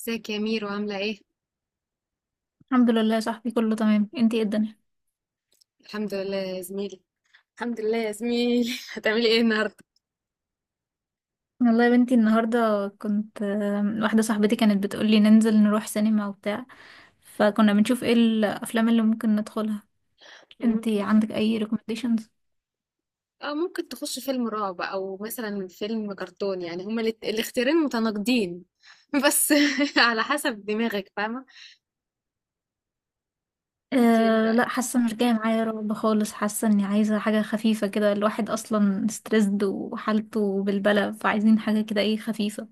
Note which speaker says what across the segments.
Speaker 1: ازيك يا ميرو عاملة ايه؟
Speaker 2: الحمد لله يا صاحبي، كله تمام. انتي ايه الدنيا؟
Speaker 1: الحمد لله يا زميلي. الحمد لله يا زميلي هتعملي ايه النهاردة؟
Speaker 2: والله يا بنتي النهارده كنت واحده صاحبتي كانت بتقولي ننزل نروح سينما وبتاع، فكنا بنشوف ايه الافلام اللي ممكن ندخلها.
Speaker 1: مم.
Speaker 2: انتي عندك اي recommendations؟
Speaker 1: اه، ممكن تخش فيلم رعب او مثلا فيلم كرتون، يعني هما الاختيارين متناقضين بس على حسب دماغك، فاهمة؟ انت ايه
Speaker 2: أه لا،
Speaker 1: رأيك؟
Speaker 2: حاسه مش جايه معايا رعب خالص، حاسه اني عايزه حاجه خفيفه كده. الواحد اصلا ستريسد وحالته بالبلى، فعايزين حاجه كده ايه خفيفه.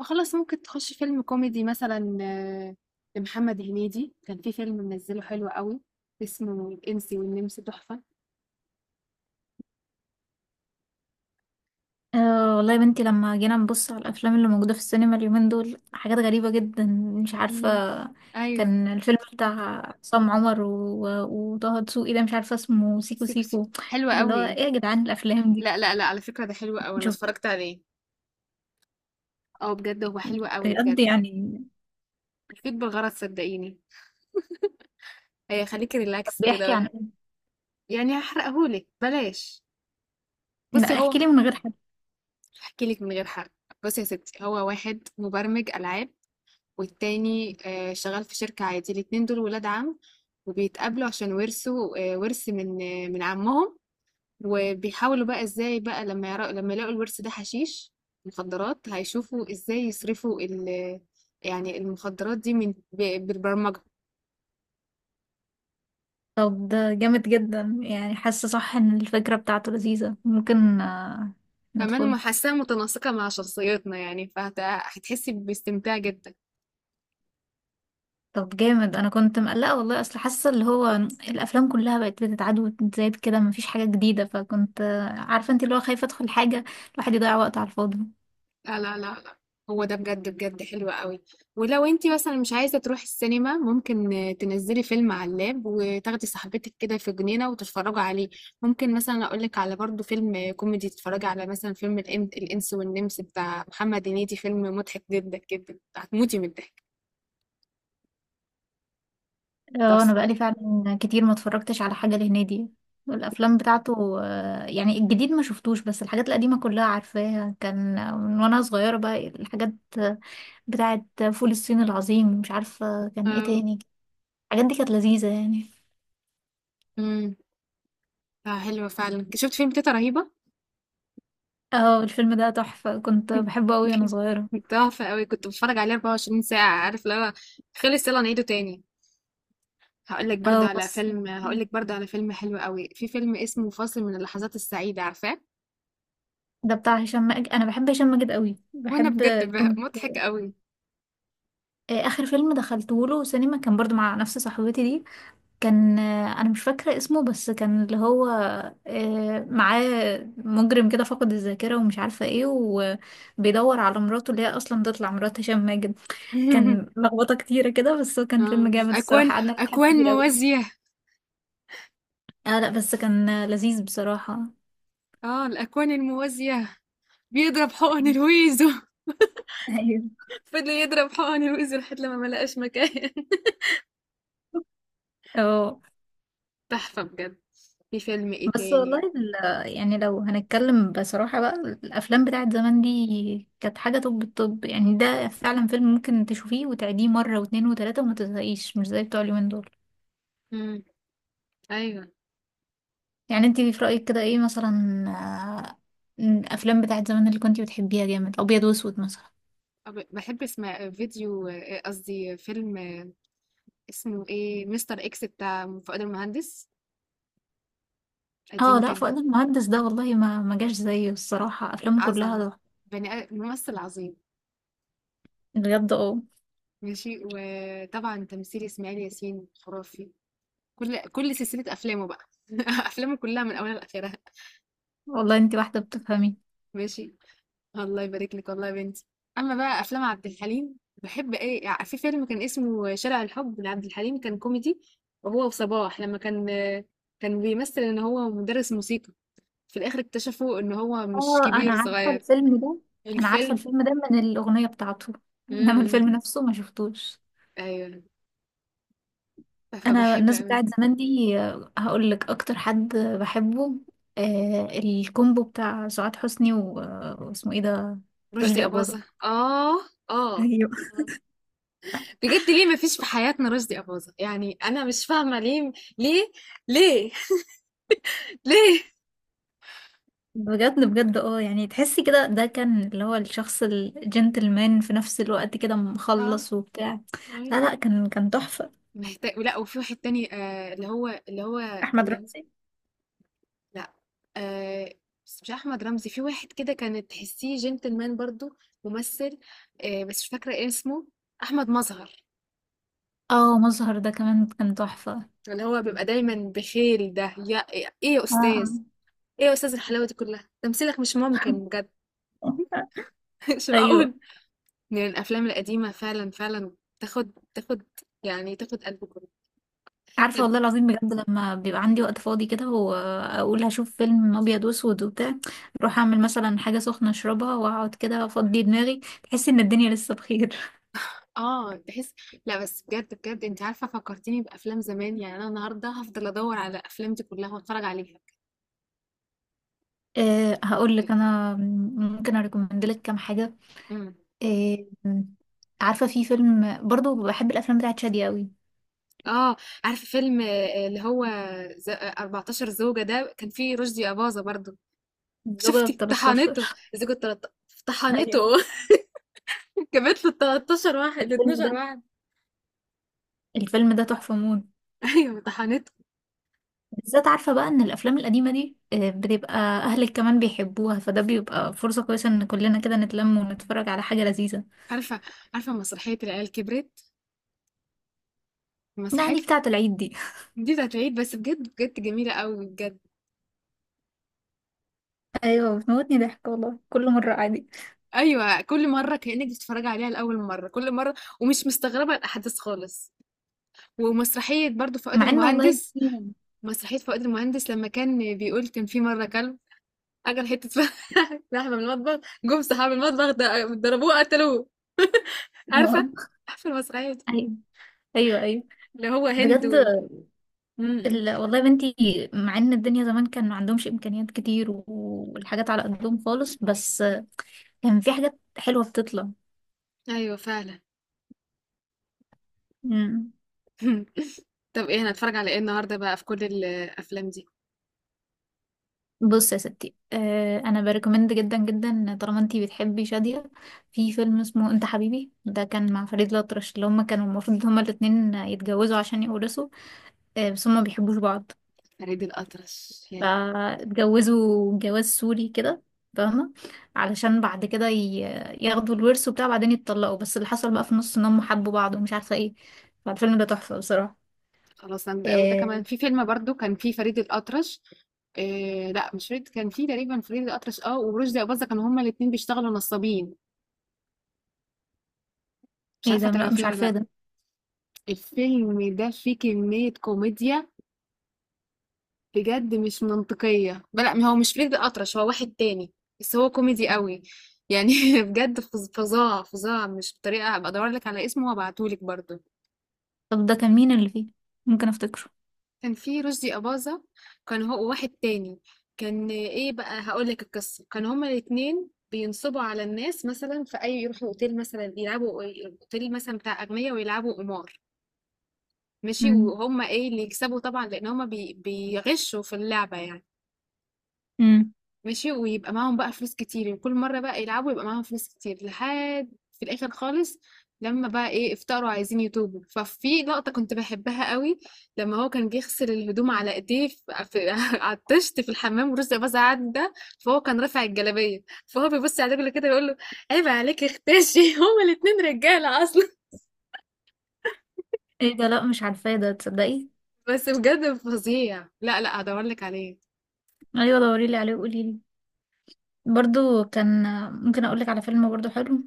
Speaker 1: وخلاص ممكن تخش فيلم كوميدي مثلا، لمحمد هنيدي كان في فيلم منزله حلو قوي، اسمه الإنسي والنمس، تحفة.
Speaker 2: أه والله يا بنتي، لما جينا نبص على الافلام اللي موجوده في السينما اليومين دول حاجات غريبه جدا، مش عارفه.
Speaker 1: مم. ايوه،
Speaker 2: كان الفيلم بتاع عصام عمر وطه دسوقي ده، مش عارفه اسمه، سيكو
Speaker 1: سيكو سيكو
Speaker 2: سيكو.
Speaker 1: حلو
Speaker 2: اللي هو
Speaker 1: قوي.
Speaker 2: ايه يا جدعان الافلام دي؟
Speaker 1: لا لا لا، على فكرة ده حلو قوي، انا
Speaker 2: شوفي،
Speaker 1: اتفرجت عليه. اه بجد هو حلو قوي
Speaker 2: بجد
Speaker 1: بجد.
Speaker 2: يعني.
Speaker 1: مفيد بالغرض صدقيني، هيخليكي
Speaker 2: طب
Speaker 1: ريلاكس
Speaker 2: بيحكي عن
Speaker 1: كده.
Speaker 2: إيه؟
Speaker 1: يعني هحرقهولك، بلاش. بصي
Speaker 2: لا
Speaker 1: هو،
Speaker 2: احكي لي من غير حد.
Speaker 1: هحكي لك من غير حرق. بصي يا ستي، هو واحد مبرمج العاب، والتاني شغال في شركة عادي، الاتنين دول ولاد عم، وبيتقابلوا عشان ورثوا ورث من من عمهم، وبيحاولوا بقى ازاي بقى لما لما يلاقوا الورث ده حشيش، مخدرات، هيشوفوا ازاي يصرفوا يعني المخدرات دي من بالبرمجة.
Speaker 2: طب ده جامد جدا يعني، حاسه صح ان الفكره بتاعته لذيذه، ممكن
Speaker 1: كمان
Speaker 2: ندخله.
Speaker 1: محسها متناسقة مع شخصيتنا يعني، فهتحسي باستمتاع جدا.
Speaker 2: طب جامد، انا كنت مقلقه والله، اصل حاسه اللي هو الافلام كلها بقت بتتعاد وتتزايد كده، مفيش حاجه جديده، فكنت عارفه انت اللي هو خايفه ادخل حاجه الواحد يضيع وقت على الفاضي.
Speaker 1: لا لا لا لا، هو ده بجد بجد حلو قوي. ولو انتي مثلا مش عايزة تروحي السينما، ممكن تنزلي فيلم على اللاب وتاخدي صاحبتك كده في جنينة وتتفرجوا عليه. ممكن مثلا اقولك على برضو فيلم كوميدي، تتفرجي على مثلا فيلم الإنس والنمس بتاع محمد هنيدي، فيلم مضحك جدا جدا، هتموتي من الضحك.
Speaker 2: اه
Speaker 1: بس
Speaker 2: انا بقالي فعلا كتير ما اتفرجتش على حاجه لهنيدي. الافلام بتاعته يعني الجديد ما شفتوش، بس الحاجات القديمه كلها عارفاها، كان من وانا صغيره بقى الحاجات بتاعه. فول الصين العظيم، مش عارفه كان ايه
Speaker 1: آه،
Speaker 2: تاني. الحاجات دي كانت لذيذه يعني.
Speaker 1: امم حلوة فعلا. شفت فيلم تيتا رهيبة،
Speaker 2: اه الفيلم ده تحفه، كنت بحبه قوي وانا صغيره.
Speaker 1: تحفة قوي، كنت بتفرج عليه 24 ساعة، عارف اللي هو خلص يلا نعيده تاني.
Speaker 2: اه بس
Speaker 1: هقول لك برضه على فيلم حلو قوي. في فيلم اسمه فاصل من اللحظات السعيدة، عارفاه؟
Speaker 2: ده بتاع هشام ماجد. انا بحب هشام ماجد قوي،
Speaker 1: وانا
Speaker 2: بحب.
Speaker 1: بجد
Speaker 2: كنت
Speaker 1: مضحك قوي.
Speaker 2: اخر فيلم دخلته له سينما كان برضو مع نفس صاحبتي دي. كان انا مش فاكره اسمه، بس كان اللي هو معاه مجرم كده، فقد الذاكره ومش عارفه ايه، وبيدور على مراته اللي هي اصلا تطلع مرات هشام ماجد. كان لخبطه كتيره كده، بس هو كان فيلم جامد
Speaker 1: اكوان
Speaker 2: الصراحه، قعدنا نضحك
Speaker 1: اكوان
Speaker 2: كتير قوي.
Speaker 1: موازية.
Speaker 2: اه لا، بس كان لذيذ بصراحه.
Speaker 1: اه، الاكوان الموازية، بيضرب حقن الويزو.
Speaker 2: ايوه.
Speaker 1: فضل يضرب حقن الويزو لحد لما ما لقاش مكان.
Speaker 2: اه
Speaker 1: تحفة بجد. في فيلم ايه
Speaker 2: بس والله
Speaker 1: تاني؟
Speaker 2: يعني لو هنتكلم بصراحة بقى، الأفلام بتاعت زمان دي كانت حاجة. طب الطب يعني ده فعلا فيلم ممكن تشوفيه وتعيديه مرة واتنين وتلاتة وما تزهقيش، مش زي بتوع اليومين دول.
Speaker 1: مم. ايوه.
Speaker 2: يعني انتي في رأيك كده ايه مثلا، آه، الأفلام بتاعت زمان اللي كنتي بتحبيها جامد، أبيض وأسود مثلا؟
Speaker 1: بحب اسمع فيديو، قصدي فيلم، اسمه ايه؟ مستر اكس بتاع فؤاد المهندس،
Speaker 2: اه
Speaker 1: قديم
Speaker 2: لا،
Speaker 1: جدا،
Speaker 2: فؤاد المهندس ده والله ما جاش زيه الصراحة، أفلامه
Speaker 1: عظمة.
Speaker 2: كلها
Speaker 1: بني ممثل عظيم.
Speaker 2: بجد. اه
Speaker 1: ماشي، وطبعا تمثيل اسماعيل ياسين خرافي. كل سلسلة أفلامه بقى، أفلامه كلها من أولها لآخرها.
Speaker 2: والله انتي واحدة بتفهمي.
Speaker 1: ماشي، الله يبارك لك والله يا بنتي. أما بقى أفلام عبد الحليم، بحب إيه يعني، في فيلم كان اسمه شارع الحب لعبد الحليم، كان كوميدي، وهو وصباح، لما كان كان بيمثل إن هو مدرس موسيقى، في الاخر اكتشفوا ان هو مش
Speaker 2: اه
Speaker 1: كبير، صغير.
Speaker 2: انا عارفه
Speaker 1: الفيلم.
Speaker 2: الفيلم ده من الاغنيه بتاعته، انما
Speaker 1: امم
Speaker 2: الفيلم نفسه ما شفتوش.
Speaker 1: ايوه،
Speaker 2: انا
Speaker 1: فبحب
Speaker 2: الناس
Speaker 1: قوي.
Speaker 2: بتاعت زمان دي هقول لك اكتر حد بحبه، آه الكومبو بتاع سعاد حسني و... واسمه ايه ده،
Speaker 1: رشدي
Speaker 2: رشدي اباظه.
Speaker 1: اباظة، اه. اه
Speaker 2: ايوه،
Speaker 1: بجد، ليه ما فيش في حياتنا رشدي اباظة؟ يعني انا مش فاهمه ليه، ليه، ليه، ليه.
Speaker 2: بجد بجد اه، يعني تحسي كده ده كان اللي هو الشخص الجنتلمان في نفس الوقت كده،
Speaker 1: اه،
Speaker 2: مخلص وبتاع. لا
Speaker 1: أيوة.
Speaker 2: لا، كان كان تحفه.
Speaker 1: محتاج. لا، وفي واحد تاني، اللي هو
Speaker 2: احمد
Speaker 1: اللي...
Speaker 2: رمزي.
Speaker 1: لا. آه بس مش احمد رمزي، في واحد كده كانت تحسيه جنتلمان برضو، ممثل. بس مش فاكره ايه اسمه. احمد مظهر،
Speaker 2: اه، مظهر ده كمان كان تحفه.
Speaker 1: اللي هو بيبقى دايما بخيل، ده يا ايه يا
Speaker 2: اه
Speaker 1: استاذ؟ ايه يا استاذ الحلاوه دي كلها، تمثيلك مش ممكن بجد. مش
Speaker 2: ايوه.
Speaker 1: معقول. من الافلام القديمه فعلا فعلا. تاخد تاخد، يعني تاخد قلب كله.
Speaker 2: عارفة
Speaker 1: صدق.
Speaker 2: والله العظيم بجد، لما بيبقى عندي وقت فاضي كده وأقول هشوف فيلم أبيض وأسود وبتاع، أروح أعمل مثلا حاجة سخنة أشربها وأقعد كده أفضي دماغي، تحس إن الدنيا لسه بخير.
Speaker 1: اه، تحس. لا بس بجد بجد، انت عارفه فكرتيني بافلام زمان، يعني انا النهارده هفضل ادور على الافلام دي كلها واتفرج عليها.
Speaker 2: أه هقول لك
Speaker 1: حقيقي.
Speaker 2: أنا، ممكن أريكومند لك كام حاجة.
Speaker 1: امم
Speaker 2: أه، عارفة في فيلم برضو بحب الأفلام بتاعت شادية أوي،
Speaker 1: اه، عارفه فيلم اللي هو ز- آه، 14 زوجة؟ ده كان فيه رشدي أباظة برضو.
Speaker 2: الزوجة ب
Speaker 1: شفتي
Speaker 2: 13.
Speaker 1: طحنته؟ زوجة طلعت- طحنته
Speaker 2: ايوه،
Speaker 1: جابت له 13 واحد،
Speaker 2: الفيلم
Speaker 1: 12
Speaker 2: ده
Speaker 1: واحد.
Speaker 2: الفيلم ده تحفة موت.
Speaker 1: ايوه طحنته.
Speaker 2: بالذات عارفة بقى ان الافلام القديمة دي بتبقى اهلك كمان بيحبوها، فده بيبقى فرصة كويسة ان كلنا كده نتلم ونتفرج على حاجة لذيذة.
Speaker 1: عارفه، عارفه مسرحيه العيال كبرت؟
Speaker 2: لا دي
Speaker 1: مسرحيتها
Speaker 2: بتاعة العيد دي.
Speaker 1: دي هتعيد، بس بجد بجد جميله قوي بجد.
Speaker 2: ايوه بتموتني ضحك والله، كل مرة عادي،
Speaker 1: ايوه، كل مره كانك بتتفرجي عليها لاول مره، كل مره، ومش مستغربه الاحداث خالص. ومسرحيه برضو فؤاد
Speaker 2: مع ان والله
Speaker 1: المهندس، مسرحيه فؤاد المهندس لما كان بيقول، كان في مره كلب اكل حته لحمه من المطبخ، جم صحاب المطبخ ضربوه قتلوه. عارفه، عارفه المسرحيه دي؟
Speaker 2: ايوه ايوه ايوه
Speaker 1: اللي هو هند
Speaker 2: بجد.
Speaker 1: م.
Speaker 2: ال... والله يا بنتي، مع ان الدنيا زمان كان ما عندهمش امكانيات كتير والحاجات على قدهم خالص، بس كان في حاجات حلوة بتطلع.
Speaker 1: ايوه، فعلا.
Speaker 2: مم.
Speaker 1: طب ايه، هنتفرج على ايه النهارده بقى في كل الافلام دي؟
Speaker 2: بص يا ستي، آه انا بريكومند جدا جدا، طالما انتي بتحبي شادية، في فيلم اسمه انت حبيبي، ده كان مع فريد الأطرش، اللي هما كانوا المفروض هما الاتنين يتجوزوا عشان يورثوا، آه بس هما ما بيحبوش بعض،
Speaker 1: فريد الأطرش، ياه.
Speaker 2: فاتجوزوا جواز سوري كده، فاهمة، علشان بعد كده ياخدوا الورث وبتاع، بعدين يتطلقوا، بس اللي حصل بقى في النص ان هم حبوا بعض ومش عارفة ايه، فالفيلم ده تحفة بصراحة.
Speaker 1: خلاص. انا وده كمان،
Speaker 2: آه.
Speaker 1: في فيلم برضو كان فيه فريد الأطرش، إيه، لا مش فريد، كان فيه تقريبا فريد الأطرش، اه، ورشدي أباظة، كانوا هما الاتنين بيشتغلوا نصابين. مش
Speaker 2: ايه
Speaker 1: عارفة
Speaker 2: ده، لا
Speaker 1: تعرفيه
Speaker 2: مش
Speaker 1: ولا
Speaker 2: عارفاه
Speaker 1: لا؟
Speaker 2: ده.
Speaker 1: الفيلم ده فيه كمية كوميديا بجد مش منطقية. لا ما هو مش فريد الأطرش، هو واحد تاني، بس هو كوميدي قوي يعني. بجد فظاع فظاع، مش بطريقة. هبقى ادور لك على اسمه وابعتهولك برضو.
Speaker 2: طب ده كان مين اللي فيه، ممكن افتكره؟
Speaker 1: كان في رشدي أباظة، كان هو واحد تاني. كان ايه بقى، هقولك القصة، كان هما الاتنين بينصبوا على الناس، مثلا في أي يروحوا أوتيل مثلا يلعبوا، أوتيل مثلا بتاع أغنياء، ويلعبوا قمار. ماشي، وهما ايه اللي يكسبوا طبعا، لأن هما بيغشوا في اللعبة يعني.
Speaker 2: امم.
Speaker 1: ماشي، ويبقى معاهم بقى فلوس كتير، وكل مرة بقى يلعبوا يبقى معاهم فلوس كتير، لحد في الآخر خالص لما بقى ايه، افتقروا، عايزين يتوبوا. ففي لقطة كنت بحبها قوي، لما هو كان بيغسل الهدوم على ايديه في... على الطشت في الحمام، ورزق باظ عدى، فهو كان رافع الجلابية، فهو بيبص على رجله كده بيقول له عيب عليك، اختشي. هما الاتنين رجالة اصلا.
Speaker 2: ايه ده، لا مش عارفاه ده تصدقي.
Speaker 1: بس بجد فظيع، لا لا، هدور لك عليه.
Speaker 2: ايوه دوريلي عليه وقوليلي. برضو كان، ممكن اقولك على فيلم برضو حلو،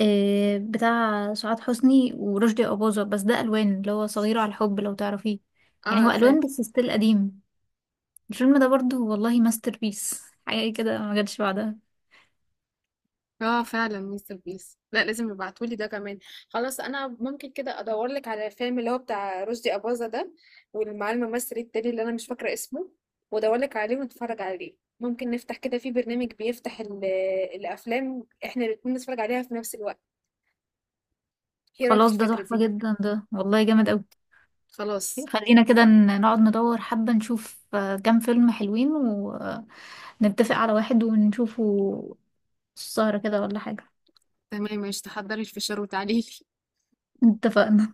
Speaker 2: إيه بتاع سعاد حسني ورشدي أباظة، بس ده الوان، اللي هو صغير على الحب، لو تعرفيه.
Speaker 1: اه،
Speaker 2: يعني هو
Speaker 1: عارفاه.
Speaker 2: الوان بس ستيل قديم. الفيلم ده برضو والله ماستر بيس، حاجه كده ما جاتش بعدها.
Speaker 1: اه فعلا، مستر بيس. لا لازم يبعتولي ده كمان. خلاص، انا ممكن كده ادور لك على الفيلم اللي هو بتاع رشدي اباظة ده، والمع الممثل التاني اللي انا مش فاكره اسمه، وادور لك عليه ونتفرج عليه، ممكن نفتح كده في برنامج بيفتح الافلام، احنا الاتنين نتفرج عليها في نفس الوقت. ايه رايك في
Speaker 2: خلاص ده
Speaker 1: الفكره
Speaker 2: تحفه
Speaker 1: دي؟
Speaker 2: جدا ده والله، جامد قوي.
Speaker 1: خلاص.
Speaker 2: خلينا كده نقعد ندور حبه، نشوف كام فيلم حلوين ونتفق على واحد ونشوفه السهرة كده، ولا حاجة؟
Speaker 1: تمام، مش تحضري الفشار وتعالي
Speaker 2: اتفقنا.